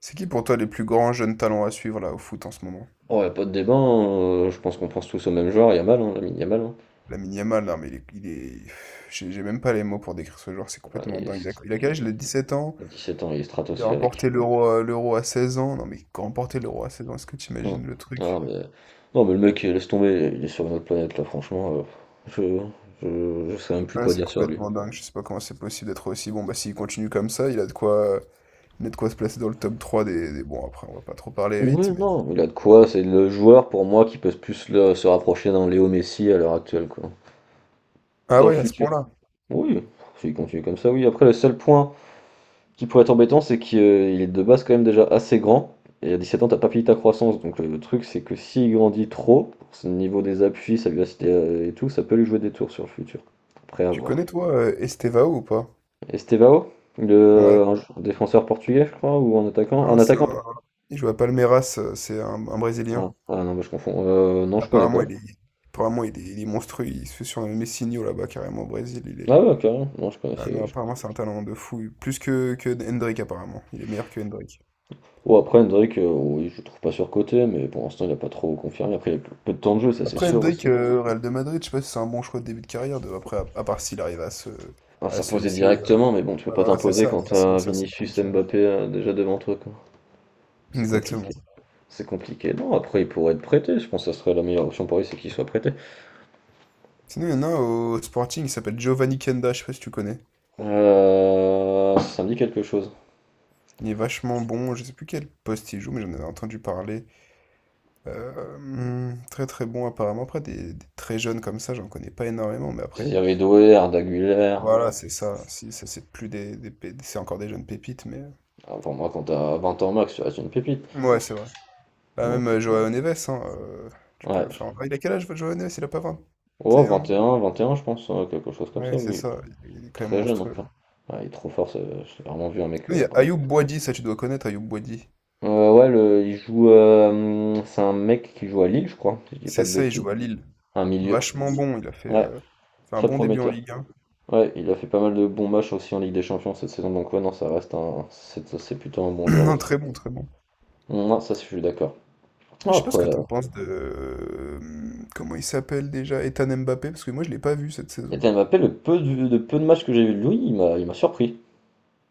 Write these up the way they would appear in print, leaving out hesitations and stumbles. C'est qui pour toi les plus grands jeunes talents à suivre là au foot en ce moment? Oh, y a pas de débat, hein, je pense qu'on pense tous au même joueur, Yamal, hein, Lamine Yamal, hein. Lamine Yamal, non mais J'ai même pas les mots pour décrire ce joueur, c'est Ah, complètement il dingue. Il a, est il a quel Il âge? Il a 17 ans, il a 17 ans, il est il a stratosphérique. remporté l'euro à 16 ans. Non mais remporter l'euro à 16 ans, est-ce que tu Mm. imagines le Ah, truc? mais... Non, mais le mec, laisse tomber, il est sur une autre planète, là, franchement. Je... je sais même plus Ouais, quoi c'est dire sur lui. complètement dingue, je sais pas comment c'est possible d'être aussi bon. Bah s'il continue comme ça, il a de quoi se placer dans le top 3 des. Bon après on va pas trop parler Oui, vite, mais... non, il a de quoi, c'est le joueur pour moi qui peut plus se rapprocher d'un Léo Messi à l'heure actuelle, quoi. Ah Dans le ouais, à ce futur. point-là. Oui, s'il continue comme ça, oui. Après, le seul point. Ce qui pourrait être embêtant, c'est qu'il est de base quand même déjà assez grand. Et à 17 ans, t'as pas fini ta croissance. Donc le truc, c'est que s'il grandit trop, pour ce niveau des appuis, sa vivacité et tout, ça peut lui jouer des tours sur le futur. Après, à Tu voir. connais toi Estevao ou pas? Estevao, Ouais. Défenseur portugais, je crois, ou un attaquant. Non, Un c'est attaquant. un... Il joue à Palmeiras, c'est un Ah, Brésilien. ah non, mais je confonds. Non, je connais pas. Apparemment, il est monstrueux. Il se fait sur un Messinho là-bas, carrément au Brésil. Il est... Ah ouais, carrément. Non, je Ah connaissais. non, apparemment, c'est un talent de fou. Plus que Hendrick, apparemment. Il est meilleur que Hendrick. Oh, après, Hendrick, oui, je le trouve pas surcoté, mais pour l'instant, il a pas trop confirmé. Après, il a peu de temps de jeu, ça c'est Après, sûr Hendrick, aussi. Real de Madrid, je sais pas si c'est un bon choix de début de carrière. De... Après, à part s'il arrive à se, Ah, à se s'imposer hisser. euh, directement, mais bon, tu peux ouais, pas voilà, c'est t'imposer ça. quand Mais sinon, t'as ça, c'est Vinicius et compliqué, hein. Mbappé déjà devant toi, quoi. C'est compliqué. Exactement. C'est compliqué. Non, après, il pourrait être prêté. Je pense que ça serait la meilleure option pour lui, c'est qu'il soit prêté. Sinon, il y en a au Sporting, il s'appelle Giovanni Kenda. Je sais pas si tu connais. Ça me dit quelque chose. Il est vachement bon. Je sais plus quel poste il joue, mais j'en avais entendu parler. Mmh, Très, très bon apparemment. Après des très jeunes comme ça, j'en connais pas énormément, mais Il après y avait Doué, Arda Güler. voilà. Ouais. C'est ça. Si, ça c'est plus des pé c'est encore des jeunes pépites, mais Ah, pour moi, quand t'as 20 ans max, tu restes une pépite. mouais. Mmh. C'est vrai. Bah, même, Donc, ouais. Joao Neves, hein, tu peux ouais. le faire en Ah, il a quel âge, Joao Neves? Il a pas Oh, 21 vingt ans? et un, vingt et un, je pense, ouais, quelque chose comme ça, Ouais, c'est oui. ça, il est quand même Très jeune, en monstrueux, fait. hein. Ouais, il est trop fort, j'ai vraiment vu un mec. Oui, il y a Ayoub Boadi, ça tu dois connaître Ayoub Boadi. Ouais, il joue, c'est un mec qui joue à Lille, je crois, si je dis pas C'est de ça, il bêtises. joue à Lille. Un milieu. Vachement bon, il a fait, Ouais, heu, fait un très bon début en prometteur. Ligue 1 Ouais, il a fait pas mal de bons matchs aussi en Ligue des Champions cette saison, donc ouais, non, ça reste un. C'est ça, c'est plutôt un bon joueur Non, aussi. très bon, très bon. Non, ça, je suis d'accord. Après Non. je sais pas ce que t'en penses de... Comment il s'appelle déjà? Ethan Mbappé, parce que moi je l'ai pas vu cette saison. Ethan Mbappé, le peu de peu de matchs que j'ai vu de lui, il m'a surpris.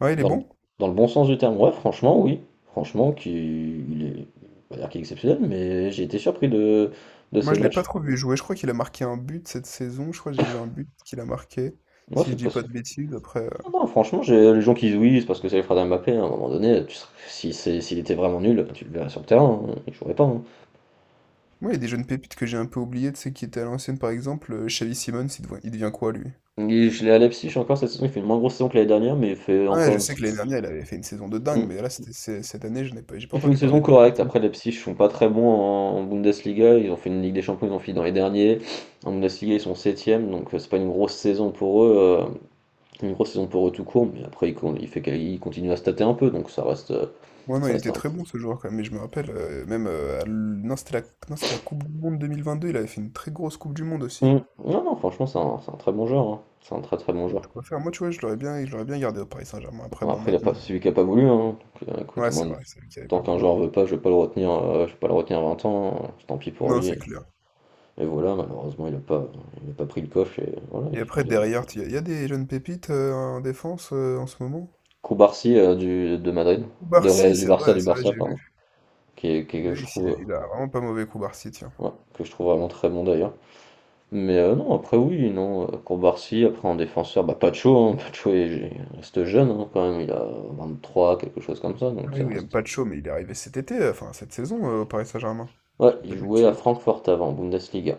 Ouais, il est Dans le, bon? dans le bon sens du terme. Ouais, franchement, oui. Franchement, qui il est. On dire qu'il est exceptionnel, mais j'ai été surpris de Moi ces je l'ai pas matchs. trop vu jouer, je crois qu'il a marqué un but cette saison, je crois que j'ai vu un but qu'il a marqué, Moi, si je c'est dis pas possible. de bêtises, après... Ah non, franchement, j'ai les gens qui jouissent parce que c'est les frères d'Mbappé, à un moment donné, tu serais- si c'est- s'il était vraiment nul, tu le verrais sur le terrain, hein, il jouerait pas, hein. Moi il y a des jeunes pépites que j'ai un peu oubliées, tu sais, qui étaient à l'ancienne par exemple, Xavi Simons, il devient quoi lui? Il je l'ai à Leipzig encore cette saison, il fait une moins grosse saison que l'année dernière, mais il fait Ouais, je encore sais que l'année dernière il avait fait une saison de une, dingue, mmh, mais là cette année je n'ai pas... j'ai pas il fait une entendu saison parler de lui du correcte. tout. Après, Leipzig ne sont pas très bons en Bundesliga, ils ont fait une Ligue des Champions, ils ont fini dans les derniers. En Bundesliga, ils sont septième, donc c'est pas une grosse saison pour eux, une grosse saison pour eux tout court, mais après, il fait qu'ils continuent à se tâter un peu, donc Ouais, non, ça il reste était un. très bon ce joueur quand même, mais je me rappelle, même, non, c'était la... non, c'était la Coupe du Monde 2022, il avait fait une très grosse Coupe du Monde aussi. Mmh. Non, non, franchement, c'est un très bon joueur, hein. C'est un très très bon Ouais, joueur. de quoi faire. Moi, tu vois, je l'aurais bien gardé au Paris Saint-Germain. Après, Bon, bon, après, il a maintenant. pas, celui qui a pas voulu, hein. Donc, écoute, Ouais, moi, c'est vrai, c'est lui qui avait tant pas qu'un voulu. joueur veut pas, je vais pas le retenir, je vais pas le retenir 20 ans, hein, tant pis pour Non, lui. c'est clair. Et voilà, malheureusement, il n'a pas pris le coche et voilà. Et après, derrière, il y a des jeunes pépites en défense en ce moment. Kubarsi du de Madrid, Koubarsi, c'est vrai, du ça, Barça, j'ai pardon, vu. Que Oui, je il a, trouve, il a vraiment pas mauvais Koubarsi, tiens. ouais, que je trouve vraiment très bon d'ailleurs. Mais non, Kubarsi, après en défenseur, bah Pacho, hein, Pacho reste jeune hein, quand même, il a 23 quelque chose comme ça, Ah donc oui, ça William reste. Pacho, mais il est arrivé cet été, enfin cette saison au Paris Saint-Germain. Ouais, Je dis pas il de jouait à bêtises. Francfort avant, en Bundesliga.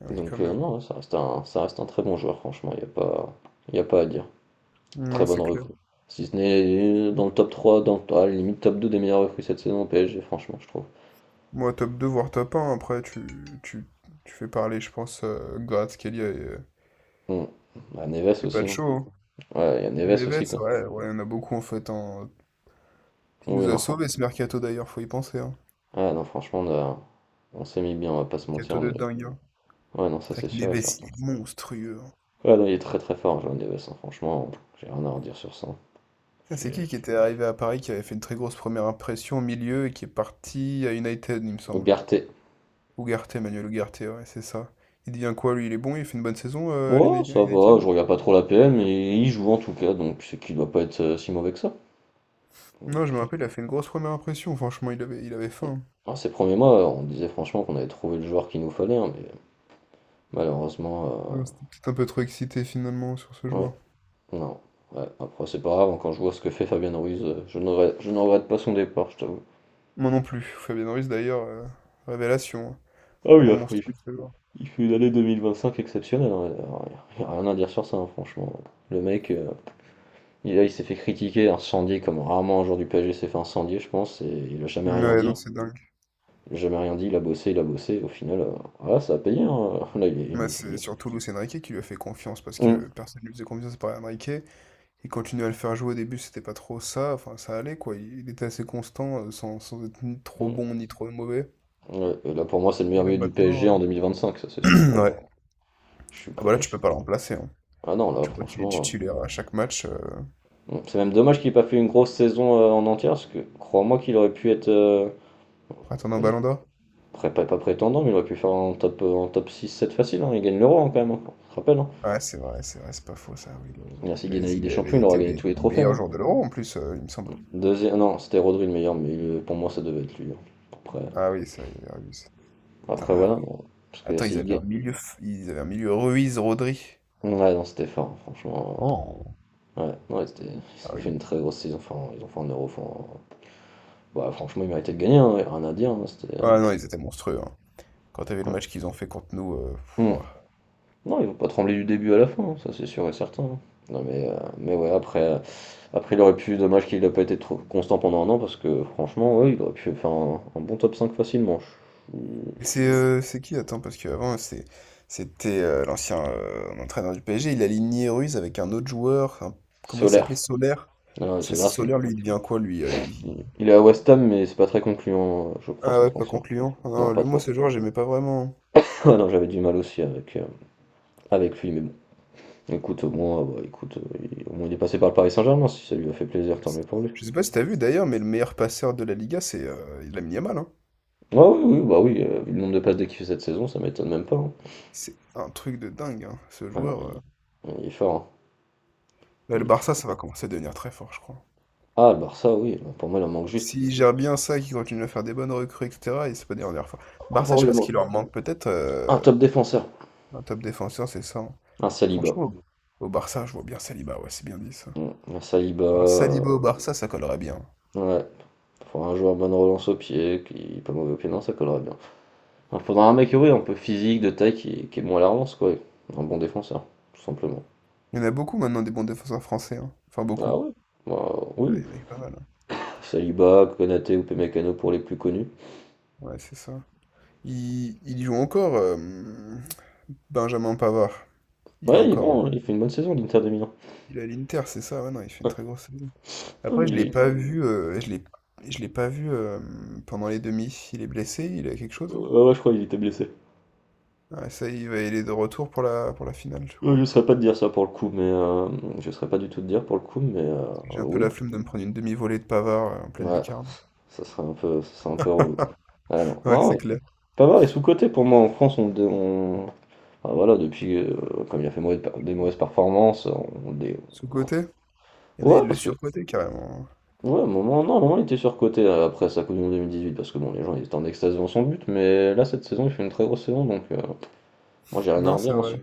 Ah oui, quand Donc même. non, ça reste un très bon joueur, franchement, il n'y a pas, il y a pas à dire. Très Non, bonne c'est clair. recrue. Si ce n'est dans le top 3 à la limite top 2 des meilleures recrues cette saison au PSG, franchement, je trouve. Moi, top 2 voire top un après, tu, tu fais parler, je pense, Gratz, Kelia et, euh, Hmm. Bah, Neves et il aussi, hein. Pacho. Beaucoup. Ouais, il y a Et Neves aussi, Neves, quoi. ouais, ouais, il y en a beaucoup, en fait, hein. Il Oui, nous a non, franchement. sauvés, ce mercato, d'ailleurs, faut y penser. Hein. Ah, non, franchement, on s'est mis bien, on va pas se mentir. Mercato On de est... dingue, hein. Ouais, non, C'est ça vrai c'est que sûr et Neves, il certain. est monstrueux, hein. Ouais, non, il est très très fort, João Neves, hein, franchement, j'ai rien à redire sur ça. Ça, c'est J'ai... qui était arrivé à Paris, qui avait fait une très grosse première impression au milieu et qui est parti à United, il me semble. Ugarte. Ugarte, Manuel Ugarte, ouais, c'est ça. Il devient quoi, lui? Il est bon, il fait une bonne saison à Ouais, l'Uni- à ça va, je United? regarde pas trop la PM, mais il joue en tout cas, donc c'est qu'il doit pas être si mauvais que ça. Donc, Non, je me il- rappelle, il a fait une grosse première impression. Franchement, il avait faim, hein. Alors, ces premiers mois, on disait franchement qu'on avait trouvé le joueur qu'il nous fallait, hein, mais malheureusement, Non, c'était peut-être un peu trop excité finalement sur ce ouais, joueur. non, ouais, après c'est pas grave, hein, quand je vois ce que fait Fabien Ruiz, je ne regrette pas son départ, je t'avoue. Moi non plus. Fabien Ruiz d'ailleurs, révélation, hein. Ah oui, Vraiment après, monstrueux ce joueur. il fait une année 2025 exceptionnelle, hein, il y a rien à dire sur ça, hein, franchement. Le mec, il s'est fait critiquer, incendier comme rarement un joueur du PSG s'est fait incendier, je pense, et il a jamais rien Ouais, dit, non, hein. c'est dingue. Il a jamais rien dit, il a bossé, et au final, voilà, ça a payé, hein, là, il est Bah, il c'est est surtout Luis Enrique qui lui a fait confiance parce Mmh, que personne ne lui faisait confiance à part Enrique. Il continuait à le faire jouer au début, c'était pas trop ça, enfin ça allait quoi. Il était assez constant, sans être ni trop mmh, bon ni trop mauvais. ouais, et là, pour moi, c'est le meilleur Et là milieu du PSG maintenant, en 2025, ça, c'est sûr, pour moi. ouais. Je suis Ah prêt, bah là tu je peux pas le remplacer, hein. ah non, là, Tu vois qu'il est franchement, titulaire à chaque match, mmh, c'est même dommage qu'il ait pas fait une grosse saison, en entière parce que crois-moi qu'il aurait pu être, pour atteindre un pas dire ballon d'or. pré pas pas prétendant, mais il aurait pu faire un top six sept facile, hein. Il gagne l'Euro, hein, quand même, hein, on se rappelle, hein. Ouais, c'est vrai, c'est vrai, c'est pas faux ça, oui, l'Euro. Il a s'il Mais gagne la Ligue des il Champions, avait il aura été gagné les- tous les le trophées, meilleur hein. joueur de l'Euro en plus, il me semble. Deuxième non, c'était Rodri le meilleur, mais pour moi, ça devait être lui, hein. Après Ah oui, ça, il avait Ruiz. Putain, après ah Voilà, oui. bon, parce que Attends, s'il gagne ils avaient un milieu Ruiz, Rodri. ouais, non, c'était fort, hein, franchement, Oh. ouais, ouais, c'était Ah ils ont fait oui. une très grosse saison, enfin, ils ont fait un Euro, enfin, bah, franchement, ils méritaient de gagner, hein, y a rien à dire, hein, c'était, Ah non, ils étaient monstrueux, hein. Quand t'avais le ouais. match qu'ils ont fait contre nous, pff, Mmh. ouah. Non, ils vont pas trembler du début à la fin, hein, ça c'est sûr et certain, hein. Non mais, ouais, après, après il aurait pu, dommage qu'il n'ait pas été trop constant pendant un an, parce que franchement, ouais, il aurait pu faire un bon top 5 facilement. Et c'est qui? Attends, parce qu'avant, c'était l'ancien entraîneur du PSG, il a aligné Ruiz avec un autre joueur, comment il Solaire. s'appelait? Solaire. Ah non, C'est Solaire, lui, il devient quoi, lui? Il il est à West Ham, mais c'est pas très concluant, je crois, Ah son ouais, pas transfert. concluant. Ah Non, non, pas lui, moi, trop. ce joueur, j'aimais pas vraiment, hein. Ah non, j'avais du mal aussi avec, avec lui, mais bon. Écoute, au moins, bah, écoute, au moins il est passé par le Paris Saint-Germain, si ça lui a fait plaisir, tant mieux pour lui. Je sais pas si t'as vu d'ailleurs, mais le meilleur passeur de la Liga, c'est Lamine Yamal, hein. Ah oui, oui, bah oui, vu le nombre de passes dès qu'il fait cette saison, ça m'étonne même pas, hein. C'est un truc de dingue, hein, ce Ah non, joueur. Il est fort, hein. Là, le Il est très Barça, ça va commencer à devenir très fort, je crois. ah le Barça oui, bah, pour moi il en manque juste. S'il gère bien ça, qu'il continue à faire des bonnes recrues, etc., il se peut devenir fort. Oh, pour Barça, je moi, sais il en pas ce manque qu'il leur manque, peut-être un top défenseur, un top défenseur, c'est ça, hein. un Saliba. Franchement, au Barça, je vois bien Saliba, ouais, c'est bien dit ça. Mm. Un Saliba, Un Saliba au Barça, ça collerait bien. ouais. Faudra un joueur bonne relance au pied, qui pas mauvais au pied, non, ça collerait bien. Il faudra un mec, oui, un peu physique, de taille, qui est bon à la relance, quoi. Un bon défenseur, tout simplement. Il y en a beaucoup maintenant des bons défenseurs français, hein. Enfin, Ah beaucoup. ouais. Bah, Ouais, oui, il y en a pas mal, hein. Saliba, Konaté ou Pemecano pour les plus connus. Ouais, c'est ça. Il joue encore, Benjamin Pavard. Il est Ouais, il est encore. bon, il fait une bonne saison, l'Inter de Milan. Il est à l'Inter, c'est ça? Ouais, non, il fait une Ouais. très grosse saison. Ah, Après, je l'ai il- pas vu. Je l'ai pas vu pendant les demi. Il est blessé. Il a quelque chose ouais, là. ouais, je crois qu'il était blessé. Ah, ça, il est de retour pour la finale, je Je ne crois. saurais pas te dire ça pour le coup, mais hem, je ne saurais pas du tout te dire pour le coup, mais Parce que j'ai un peu oui, la flemme de me prendre une demi-volée de Pavard en pleine ouais, lucarne. ça serait un peu relou. Ah non, Ouais, c'est non, clair. pas mal est sous-coté pour moi. En France, on bah, voilà, depuis, comme il a fait mauvais des mauvaises performances, on dé Sous-côté? Il y en a, ouais, ils le parce que surcotaient carrément, hein. ouais, à un moment non, à un moment, il était surcoté, après sa Coupe du monde 2018 parce que bon, les gens, ils étaient en extase devant son but, mais là, cette saison, il fait une très grosse saison, donc moi, j'ai rien à Non, c'est redire, hein, sur vrai.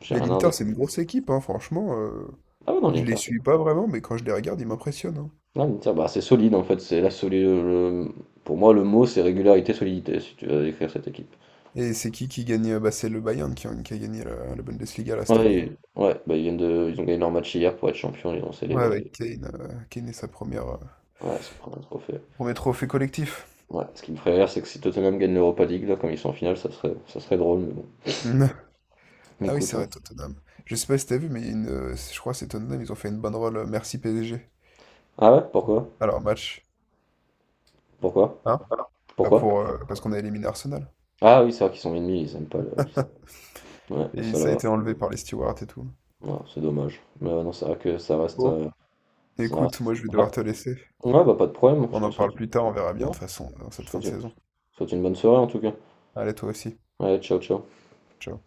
j'ai Mais rien à l'Inter, redire. c'est une grosse équipe, hein, franchement. Ah oui, non, Je les l'Inter, c'est suis pas vraiment, mais quand je les regarde, ils m'impressionnent, hein. Ah, une tire, bah, c'est solide en fait, c'est la solide. Pour moi, le mot c'est régularité, solidité si tu veux décrire cette équipe. Et c'est qui gagne? Bah, c'est le Bayern qui a gagné la Bundesliga là, cette Ouais, année, hein. Ouais bah, ils viennent de... ils ont gagné leur match hier pour être champion ils ont Ouais, célébré. avec Kane, Kane et sa première, euh, Ouais, ils ont pris un trophée. premier trophée collectif. Ouais, ce qui me ferait rire, c'est que si Tottenham gagne l'Europa League là, comme ils sont en finale, ça serait drôle, mais bon. Mm. Mais Ah oui, Écoute, c'est on- vrai, Tottenham. Je sais pas si t'as vu, mais il y a je crois que c'est Tottenham, ils ont fait une banderole Merci PSG. Ah ouais, pourquoi? Alors, match. Pourquoi? Hein? Bah Pourquoi? Parce qu'on a éliminé Arsenal. Ah oui, c'est vrai qu'ils sont ennemis, ils aiment pas le. Ouais, Et ça ça a là, été enlevé par les stewards et tout. ouais, c'est dommage. Mais non, c'est vrai que ça reste, Bon, ça reste. écoute, moi je vais Ouais, devoir te laisser. ouais, bah pas de problème, On en parle plus tard, on verra bien de toute façon dans cette je fin de te saison. souhaite une bonne soirée en tout cas. Allez, toi aussi. Ouais, ciao, ciao. Ciao.